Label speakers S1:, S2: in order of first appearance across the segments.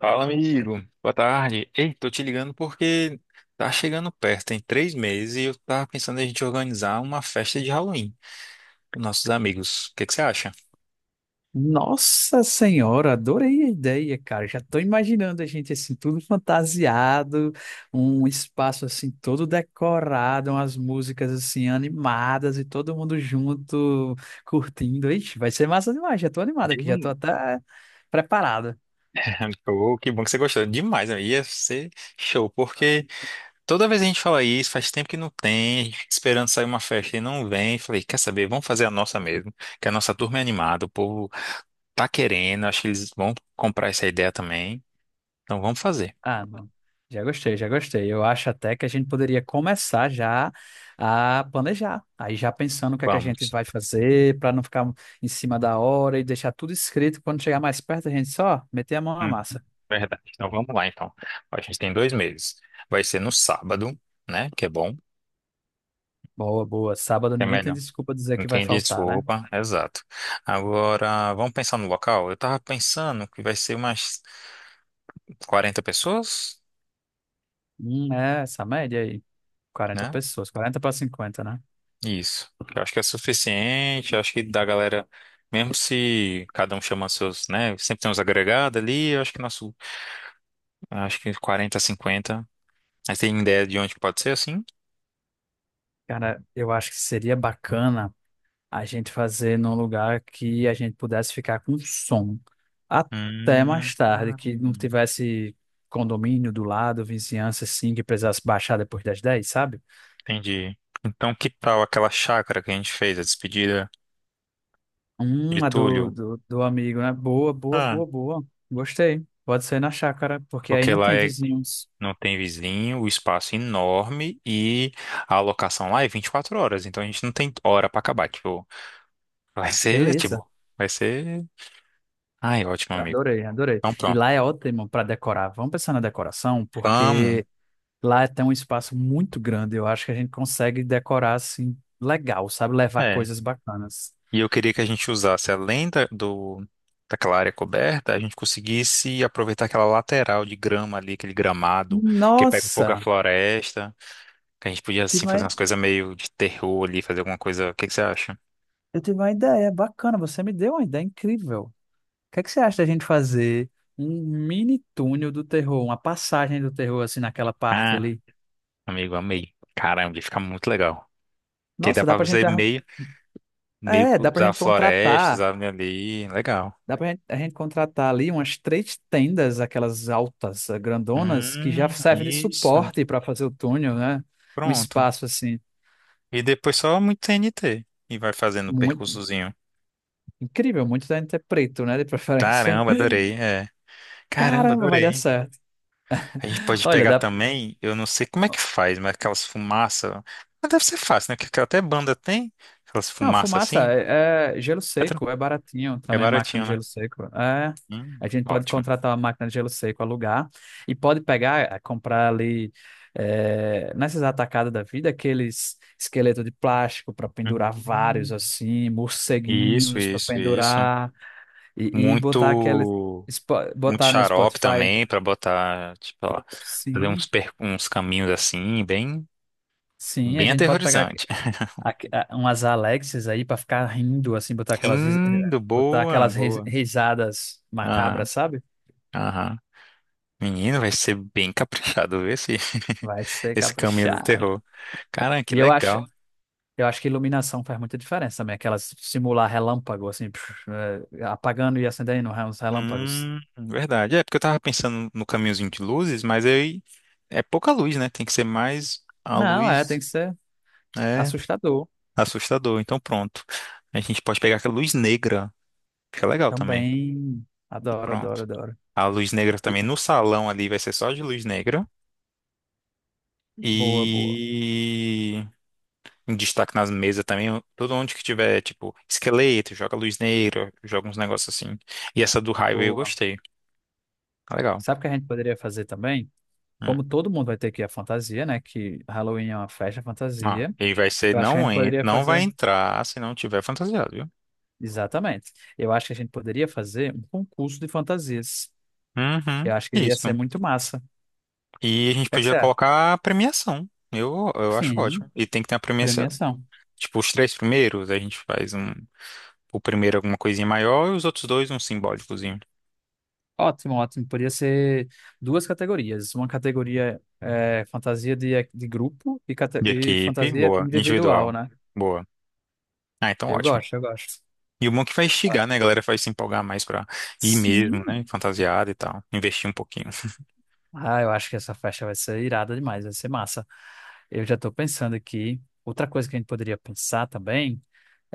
S1: Fala, amigo. Boa tarde. Ei, tô te ligando porque tá chegando perto, tem 3 meses, e eu tava pensando em a gente organizar uma festa de Halloween com nossos amigos. O que que você acha?
S2: Nossa Senhora, adorei a ideia, cara. Já estou imaginando a gente assim, tudo fantasiado, um espaço assim todo decorado, umas músicas assim animadas e todo mundo junto curtindo. Ixi, vai ser massa demais. Já estou animado aqui, já estou
S1: Hum.
S2: até preparado.
S1: Oh, que bom que você gostou. Demais, né? Ia ser show, porque toda vez a gente fala isso, faz tempo que não tem, a gente fica esperando sair uma festa e não vem. Falei, quer saber? Vamos fazer a nossa mesmo, que a nossa turma é animada, o povo tá querendo, acho que eles vão comprar essa ideia também. Então vamos fazer.
S2: Ah, não. Já gostei, já gostei. Eu acho até que a gente poderia começar já a planejar. Aí já pensando o que é que a gente
S1: Vamos.
S2: vai fazer para não ficar em cima da hora e deixar tudo escrito. Quando chegar mais perto, a gente só meter a mão na massa.
S1: Verdade. Então vamos lá, então. A gente tem 2 meses. Vai ser no sábado, né? Que é bom, que
S2: Boa, boa. Sábado
S1: é
S2: ninguém tem
S1: melhor.
S2: desculpa dizer
S1: Não
S2: que vai
S1: tem
S2: faltar, né?
S1: desculpa, exato. Agora, vamos pensar no local? Eu tava pensando que vai ser umas 40 pessoas,
S2: É essa média aí. quarenta
S1: né?
S2: pessoas, 40 para 50, né?
S1: Isso. Eu acho que é suficiente. Eu acho que da galera, mesmo se cada um chama seus, né? Sempre tem uns agregados ali. Eu acho que nosso, acho que 40, 50. Aí tem ideia de onde pode ser assim?
S2: Cara, eu acho que seria bacana a gente fazer num lugar que a gente pudesse ficar com som até
S1: Hum.
S2: mais tarde, que não tivesse condomínio do lado, vizinhança assim, que precisasse baixar depois das 10, sabe?
S1: Entendi. Então, que tal aquela chácara que a gente fez, a despedida de
S2: A do,
S1: Túlio?
S2: do, do amigo, né? Boa, boa,
S1: Ah,
S2: boa, boa. Gostei. Pode ser na chácara, porque aí
S1: porque
S2: não
S1: lá
S2: tem
S1: é,
S2: vizinhos.
S1: não tem vizinho, o espaço é enorme e a alocação lá é 24 horas, então a gente não tem hora pra acabar. Tipo, vai ser,
S2: Beleza.
S1: tipo, vai ser. Ai, ótimo, amigo.
S2: Adorei, adorei.
S1: Então,
S2: E
S1: pronto.
S2: lá é ótimo para decorar. Vamos pensar na decoração,
S1: Vamos.
S2: porque lá tem um espaço muito grande. Eu acho que a gente consegue decorar assim, legal, sabe? Levar
S1: É.
S2: coisas bacanas.
S1: E eu queria que a gente usasse, além daquela área coberta, a gente conseguisse aproveitar aquela lateral de grama ali, aquele gramado que pega um pouco a
S2: Nossa,
S1: floresta. Que a gente podia,
S2: tive
S1: assim,
S2: uma-
S1: fazer umas coisas meio de terror ali, fazer alguma coisa. O que que você acha?
S2: eu tive uma ideia bacana, você me deu uma ideia incrível. O que é que você acha da gente fazer um mini túnel do terror, uma passagem do terror assim naquela parte
S1: Ah,
S2: ali?
S1: amigo, amei. Caramba, ia ficar muito legal. Porque dá
S2: Nossa, dá
S1: pra
S2: pra gente,
S1: fazer meio
S2: é,
S1: que
S2: dá pra
S1: usar
S2: gente
S1: florestas,
S2: contratar,
S1: árvore ali. Legal.
S2: a gente contratar ali umas 3 tendas, aquelas altas, grandonas, que
S1: Hum,
S2: já servem de
S1: isso.
S2: suporte para fazer o túnel, né? Um
S1: Pronto.
S2: espaço assim.
S1: E depois só muito TNT e vai fazendo o
S2: Muito
S1: percursozinho.
S2: incrível, muito da gente é preto, né? De preferência.
S1: Caramba, adorei. É. Caramba,
S2: Caramba, vai dar
S1: adorei.
S2: certo.
S1: A gente pode
S2: Olha,
S1: pegar
S2: dá.
S1: também, eu não sei como é que faz, mas aquelas fumaças. Mas deve ser fácil, né? Que até banda tem. Aquelas
S2: Não,
S1: fumaças
S2: fumaça
S1: assim.
S2: é, é gelo
S1: É tran-
S2: seco, é baratinho
S1: é
S2: também, máquina de
S1: baratinho, né?
S2: gelo seco. É, a gente pode
S1: Ótimo.
S2: contratar uma máquina de gelo seco, alugar, e pode pegar, é, comprar ali, é, nessas atacadas da vida, aqueles esqueletos de plástico para pendurar, vários,
S1: Hum.
S2: assim,
S1: Isso,
S2: morceguinhos para
S1: isso, isso.
S2: pendurar, e botar aqueles.
S1: Muito, muito
S2: Botar no
S1: xarope
S2: Spotify.
S1: também pra botar, tipo, ó, fazer
S2: Sim.
S1: uns caminhos assim, bem,
S2: Sim, a
S1: bem
S2: gente pode pegar
S1: aterrorizante.
S2: umas Alexas aí pra ficar rindo, assim, botar aquelas,
S1: Lindo,
S2: botar
S1: boa,
S2: aquelas
S1: boa.
S2: risadas
S1: Aham,
S2: macabras, sabe?
S1: aham. Menino, vai ser bem caprichado ver esse,
S2: Vai ser
S1: esse caminho do
S2: caprichado.
S1: terror. Caramba, que
S2: E eu acho,
S1: legal.
S2: eu acho que iluminação faz muita diferença também, aquelas simular relâmpago, assim, é, apagando e acendendo uns relâmpagos.
S1: Verdade. É, porque eu tava pensando no caminhozinho de luzes, mas aí é pouca luz, né? Tem que ser mais a
S2: Não, é, tem
S1: luz.
S2: que ser
S1: Né?
S2: assustador.
S1: Assustador. Então pronto. A gente pode pegar aquela luz negra. Fica legal também.
S2: Também, adoro, adoro,
S1: Pronto.
S2: adoro.
S1: A luz negra
S2: E-
S1: também no salão ali vai ser só de luz negra.
S2: Boa, boa,
S1: E um destaque nas mesas também. Todo onde que tiver, tipo, esqueleto, joga luz negra, joga uns negócios assim. E essa do Highway eu
S2: boa.
S1: gostei. Tá legal.
S2: Sabe o que a gente poderia fazer também?
S1: Hum.
S2: Como todo mundo vai ter que ir à fantasia, né? Que Halloween é uma festa
S1: Ah,
S2: fantasia.
S1: e vai ser,
S2: Eu acho que a
S1: não,
S2: gente poderia
S1: não vai
S2: fazer.
S1: entrar se não tiver fantasiado, viu?
S2: Exatamente. Eu acho que a gente poderia fazer um concurso de fantasias. Eu
S1: Uhum.
S2: acho que ia ser
S1: Isso.
S2: muito massa. O
S1: E a gente
S2: que é que você
S1: podia
S2: acha?
S1: colocar a premiação. Eu acho
S2: Sim,
S1: ótimo. E tem que ter.
S2: premiação.
S1: Tipo, os três primeiros, a gente faz um, o primeiro alguma coisinha maior e os outros dois um simbólicozinho.
S2: Ótimo, ótimo. Podia ser duas categorias. Uma categoria é fantasia de grupo e,
S1: De
S2: e
S1: equipe,
S2: fantasia
S1: boa.
S2: individual,
S1: Individual,
S2: né?
S1: boa. Ah, então
S2: Eu
S1: ótimo.
S2: gosto, eu gosto.
S1: E o bom é que vai instigar, né? A galera vai se empolgar mais pra ir mesmo,
S2: Sim.
S1: né? Fantasiada e tal. Investir um pouquinho.
S2: Ah, eu acho que essa festa vai ser irada demais, vai ser massa. Eu já estou pensando aqui. Outra coisa que a gente poderia pensar também.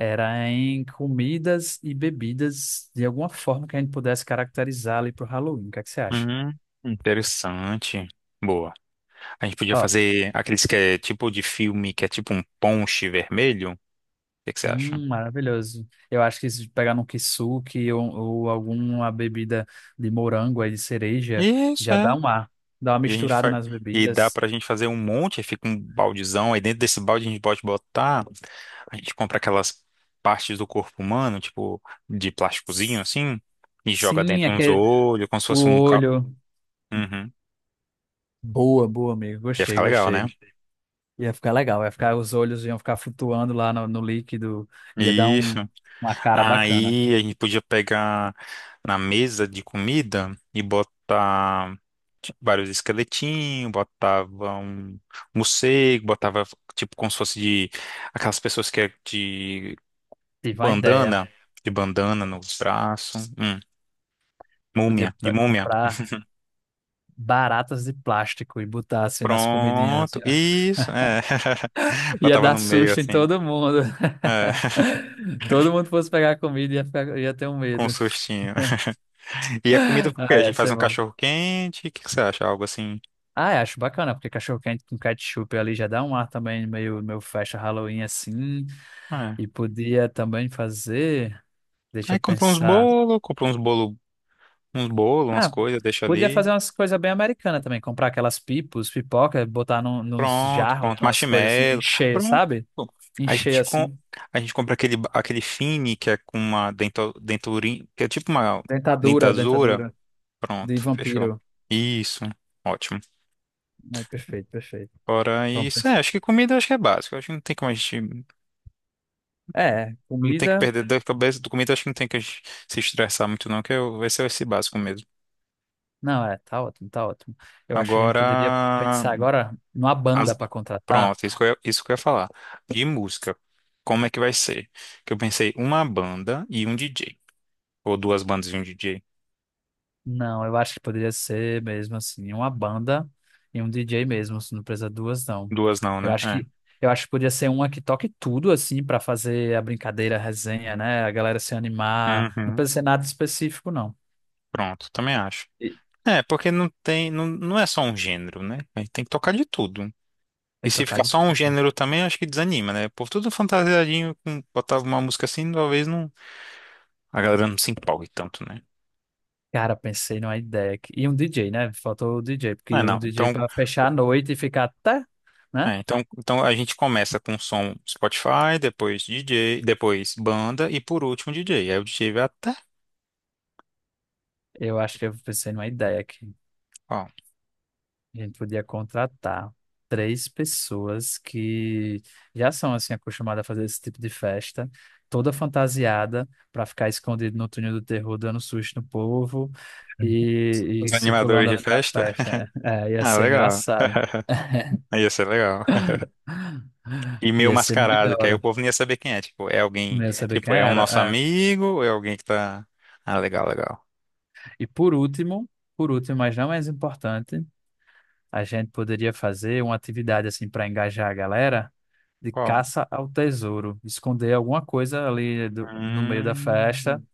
S2: Era em comidas e bebidas, de alguma forma que a gente pudesse caracterizar ali pro Halloween. O que é que você acha?
S1: Hum, interessante. Boa. A gente podia
S2: Ó,
S1: fazer aqueles que é tipo de filme, que é tipo um ponche vermelho. O que que você acha?
S2: maravilhoso. Eu acho que se pegar num kisuke ou alguma bebida de morango aí, de cereja,
S1: Isso,
S2: já dá
S1: é.
S2: um ar. Dá uma
S1: E a gente
S2: misturada
S1: faz.
S2: nas
S1: E dá
S2: bebidas.
S1: pra gente fazer um monte, aí fica um baldezão. Aí dentro desse balde a gente pode botar. A gente compra aquelas partes do corpo humano, tipo, de plásticozinho
S2: S-
S1: assim, e joga
S2: Sim,
S1: dentro uns
S2: aquele,
S1: olhos, como se
S2: o
S1: fosse um.
S2: olho.
S1: Uhum.
S2: Boa, boa, amigo.
S1: Ia
S2: Gostei,
S1: ficar legal, né?
S2: gostei. Ia ficar legal. Ia ficar, os olhos iam ficar flutuando lá no, no líquido. Ia dar
S1: Isso.
S2: um, uma cara bacana.
S1: Aí a gente podia pegar na mesa de comida e botar tipo, vários esqueletinhos, botava um morcego, botava tipo como se fosse de aquelas pessoas que é de
S2: Tive uma ideia.
S1: bandana, de bandana no braço. Múmia, de múmia.
S2: Comprar baratas de plástico e botar assim nas comidinhas. Assim,
S1: Pronto,
S2: ó.
S1: isso, é.
S2: Ia
S1: Botava
S2: dar
S1: no meio
S2: susto em
S1: assim,
S2: todo mundo.
S1: é,
S2: Todo mundo fosse pegar a comida e ia, ia ter um
S1: com um
S2: medo.
S1: sustinho. E a comida, o quê?
S2: Ah,
S1: A
S2: ia
S1: gente faz
S2: ser
S1: um
S2: bom.
S1: cachorro quente, o que que você acha? Algo assim.
S2: Ah, eu acho bacana, porque cachorro-quente com ketchup ali já dá um ar também meio, meio festa Halloween assim.
S1: É.
S2: E podia também fazer. Deixa
S1: Aí
S2: eu pensar.
S1: compra uns bolos, umas
S2: Ah,
S1: coisas, deixa
S2: podia
S1: ali.
S2: fazer umas coisas bem americanas também. Comprar aquelas pipos, pipoca, botar nos
S1: Pronto,
S2: jarros,
S1: pronto.
S2: umas coisas assim,
S1: Marshmallow,
S2: encher,
S1: pronto.
S2: sabe?
S1: A
S2: Encher
S1: gente, com,
S2: assim.
S1: a gente compra aquele, aquele fine que é com uma dento, denturinha, que é tipo uma
S2: Dentadura,
S1: dentadura.
S2: dentadura de
S1: Pronto, fechou.
S2: vampiro.
S1: Isso, ótimo.
S2: É perfeito, perfeito.
S1: Fora
S2: Vamos
S1: isso, é,
S2: pensar.
S1: acho que comida acho que é básico. Acho que não tem como a gente.
S2: É,
S1: Não tem que
S2: comida.
S1: perder da cabeça do comida, acho que não tem que a gente se estressar muito, não, vai ser esse básico mesmo.
S2: Não, é, tá ótimo, tá ótimo. Eu acho que a gente
S1: Agora.
S2: poderia pensar agora numa banda
S1: as-
S2: para contratar.
S1: Pronto, isso que eu ia falar. De música. Como é que vai ser? Que eu pensei uma banda e um DJ. Ou duas bandas e um DJ.
S2: Não, eu acho que poderia ser mesmo assim, uma banda e um DJ mesmo, se não precisa duas, não.
S1: Duas não,
S2: Eu
S1: né?
S2: acho
S1: É.
S2: que eu acho que podia ser uma que toque tudo assim para fazer a brincadeira, a resenha, né? A galera se animar. Não
S1: Uhum.
S2: precisa ser nada específico, não.
S1: Pronto, também acho.
S2: E
S1: É, porque não tem, não, não é só um gênero, né? A gente tem que tocar de tudo.
S2: tem
S1: E
S2: que
S1: se
S2: tocar
S1: ficar
S2: de
S1: só um
S2: tudo.
S1: gênero também, acho que desanima, né? Por tudo fantasiadinho, botava uma música assim, talvez não, a galera não se empolgue tanto, né?
S2: Cara, pensei numa ideia aqui. E um DJ, né? Faltou o DJ,
S1: É,
S2: porque um
S1: não.
S2: DJ
S1: Então,
S2: para fechar a
S1: co-
S2: noite e ficar até, né?
S1: é, então, a gente começa com som Spotify, depois DJ, depois banda e por último DJ. Aí o DJ vai até,
S2: Eu acho que eu pensei numa ideia aqui.
S1: ó,
S2: A gente podia contratar 3 pessoas que já são assim acostumadas a fazer esse tipo de festa, toda fantasiada, para ficar escondido no túnel do terror, dando susto no povo e
S1: os animadores
S2: circulando
S1: de
S2: ali na
S1: festa.
S2: festa. É, é, ia
S1: Ah,
S2: ser
S1: legal.
S2: engraçado.
S1: Aí ia ser legal. E meio
S2: Ia ser muito da
S1: mascarado, que aí o
S2: hora.
S1: povo não ia saber quem é. Tipo, é
S2: Não
S1: alguém,
S2: ia saber quem
S1: tipo, é um nosso
S2: era. É.
S1: amigo ou é alguém que tá. Ah, legal, legal.
S2: E por último, mas não menos importante, a gente poderia fazer uma atividade assim para engajar a galera de
S1: Qual?
S2: caça ao tesouro, esconder alguma coisa ali no meio da festa
S1: Hum.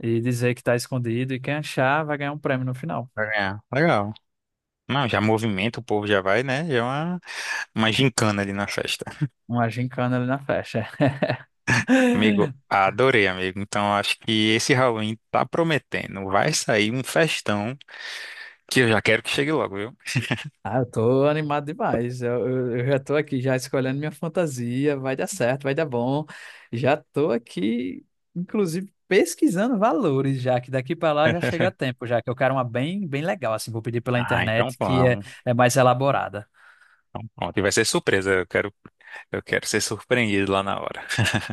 S2: e dizer que está escondido e quem achar vai ganhar um prêmio no final.
S1: Pra ganhar. Legal. Não, já movimenta, o povo já vai, né? Já é uma gincana ali na festa.
S2: Uma gincana ali na festa.
S1: Amigo, adorei, amigo. Então acho que esse Halloween tá prometendo. Vai sair um festão que eu já quero que chegue logo, viu?
S2: Ah, eu tô animado demais. Eu já tô aqui já escolhendo minha fantasia. Vai dar certo, vai dar bom. Já tô aqui, inclusive, pesquisando valores já, que daqui para lá já chega a tempo, já que eu quero uma bem, bem legal, assim, vou pedir pela
S1: Ah, então
S2: internet, que é,
S1: vamos.
S2: é mais elaborada.
S1: Então, pronto. E vai ser surpresa. Eu quero ser surpreendido lá na hora.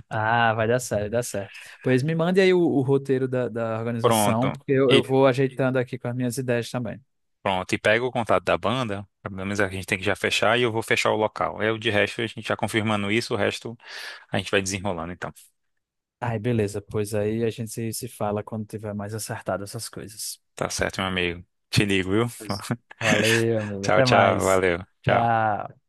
S2: Ah, vai dar certo, vai dar certo. Pois me mande aí o roteiro da organização,
S1: Pronto.
S2: porque eu
S1: E
S2: vou ajeitando aqui com as minhas ideias também.
S1: pronto. E pega o contato da banda. Pelo menos a gente tem que já fechar e eu vou fechar o local. É o de resto, a gente já confirmando isso, o resto a gente vai desenrolando, então.
S2: Ai, beleza, pois aí a gente se fala quando tiver mais acertado essas coisas.
S1: Tá certo, meu amigo. Te ligo, viu?
S2: Valeu, amigo.
S1: Tchau,
S2: Até
S1: tchau.
S2: mais.
S1: Valeu. Tchau.
S2: Tchau.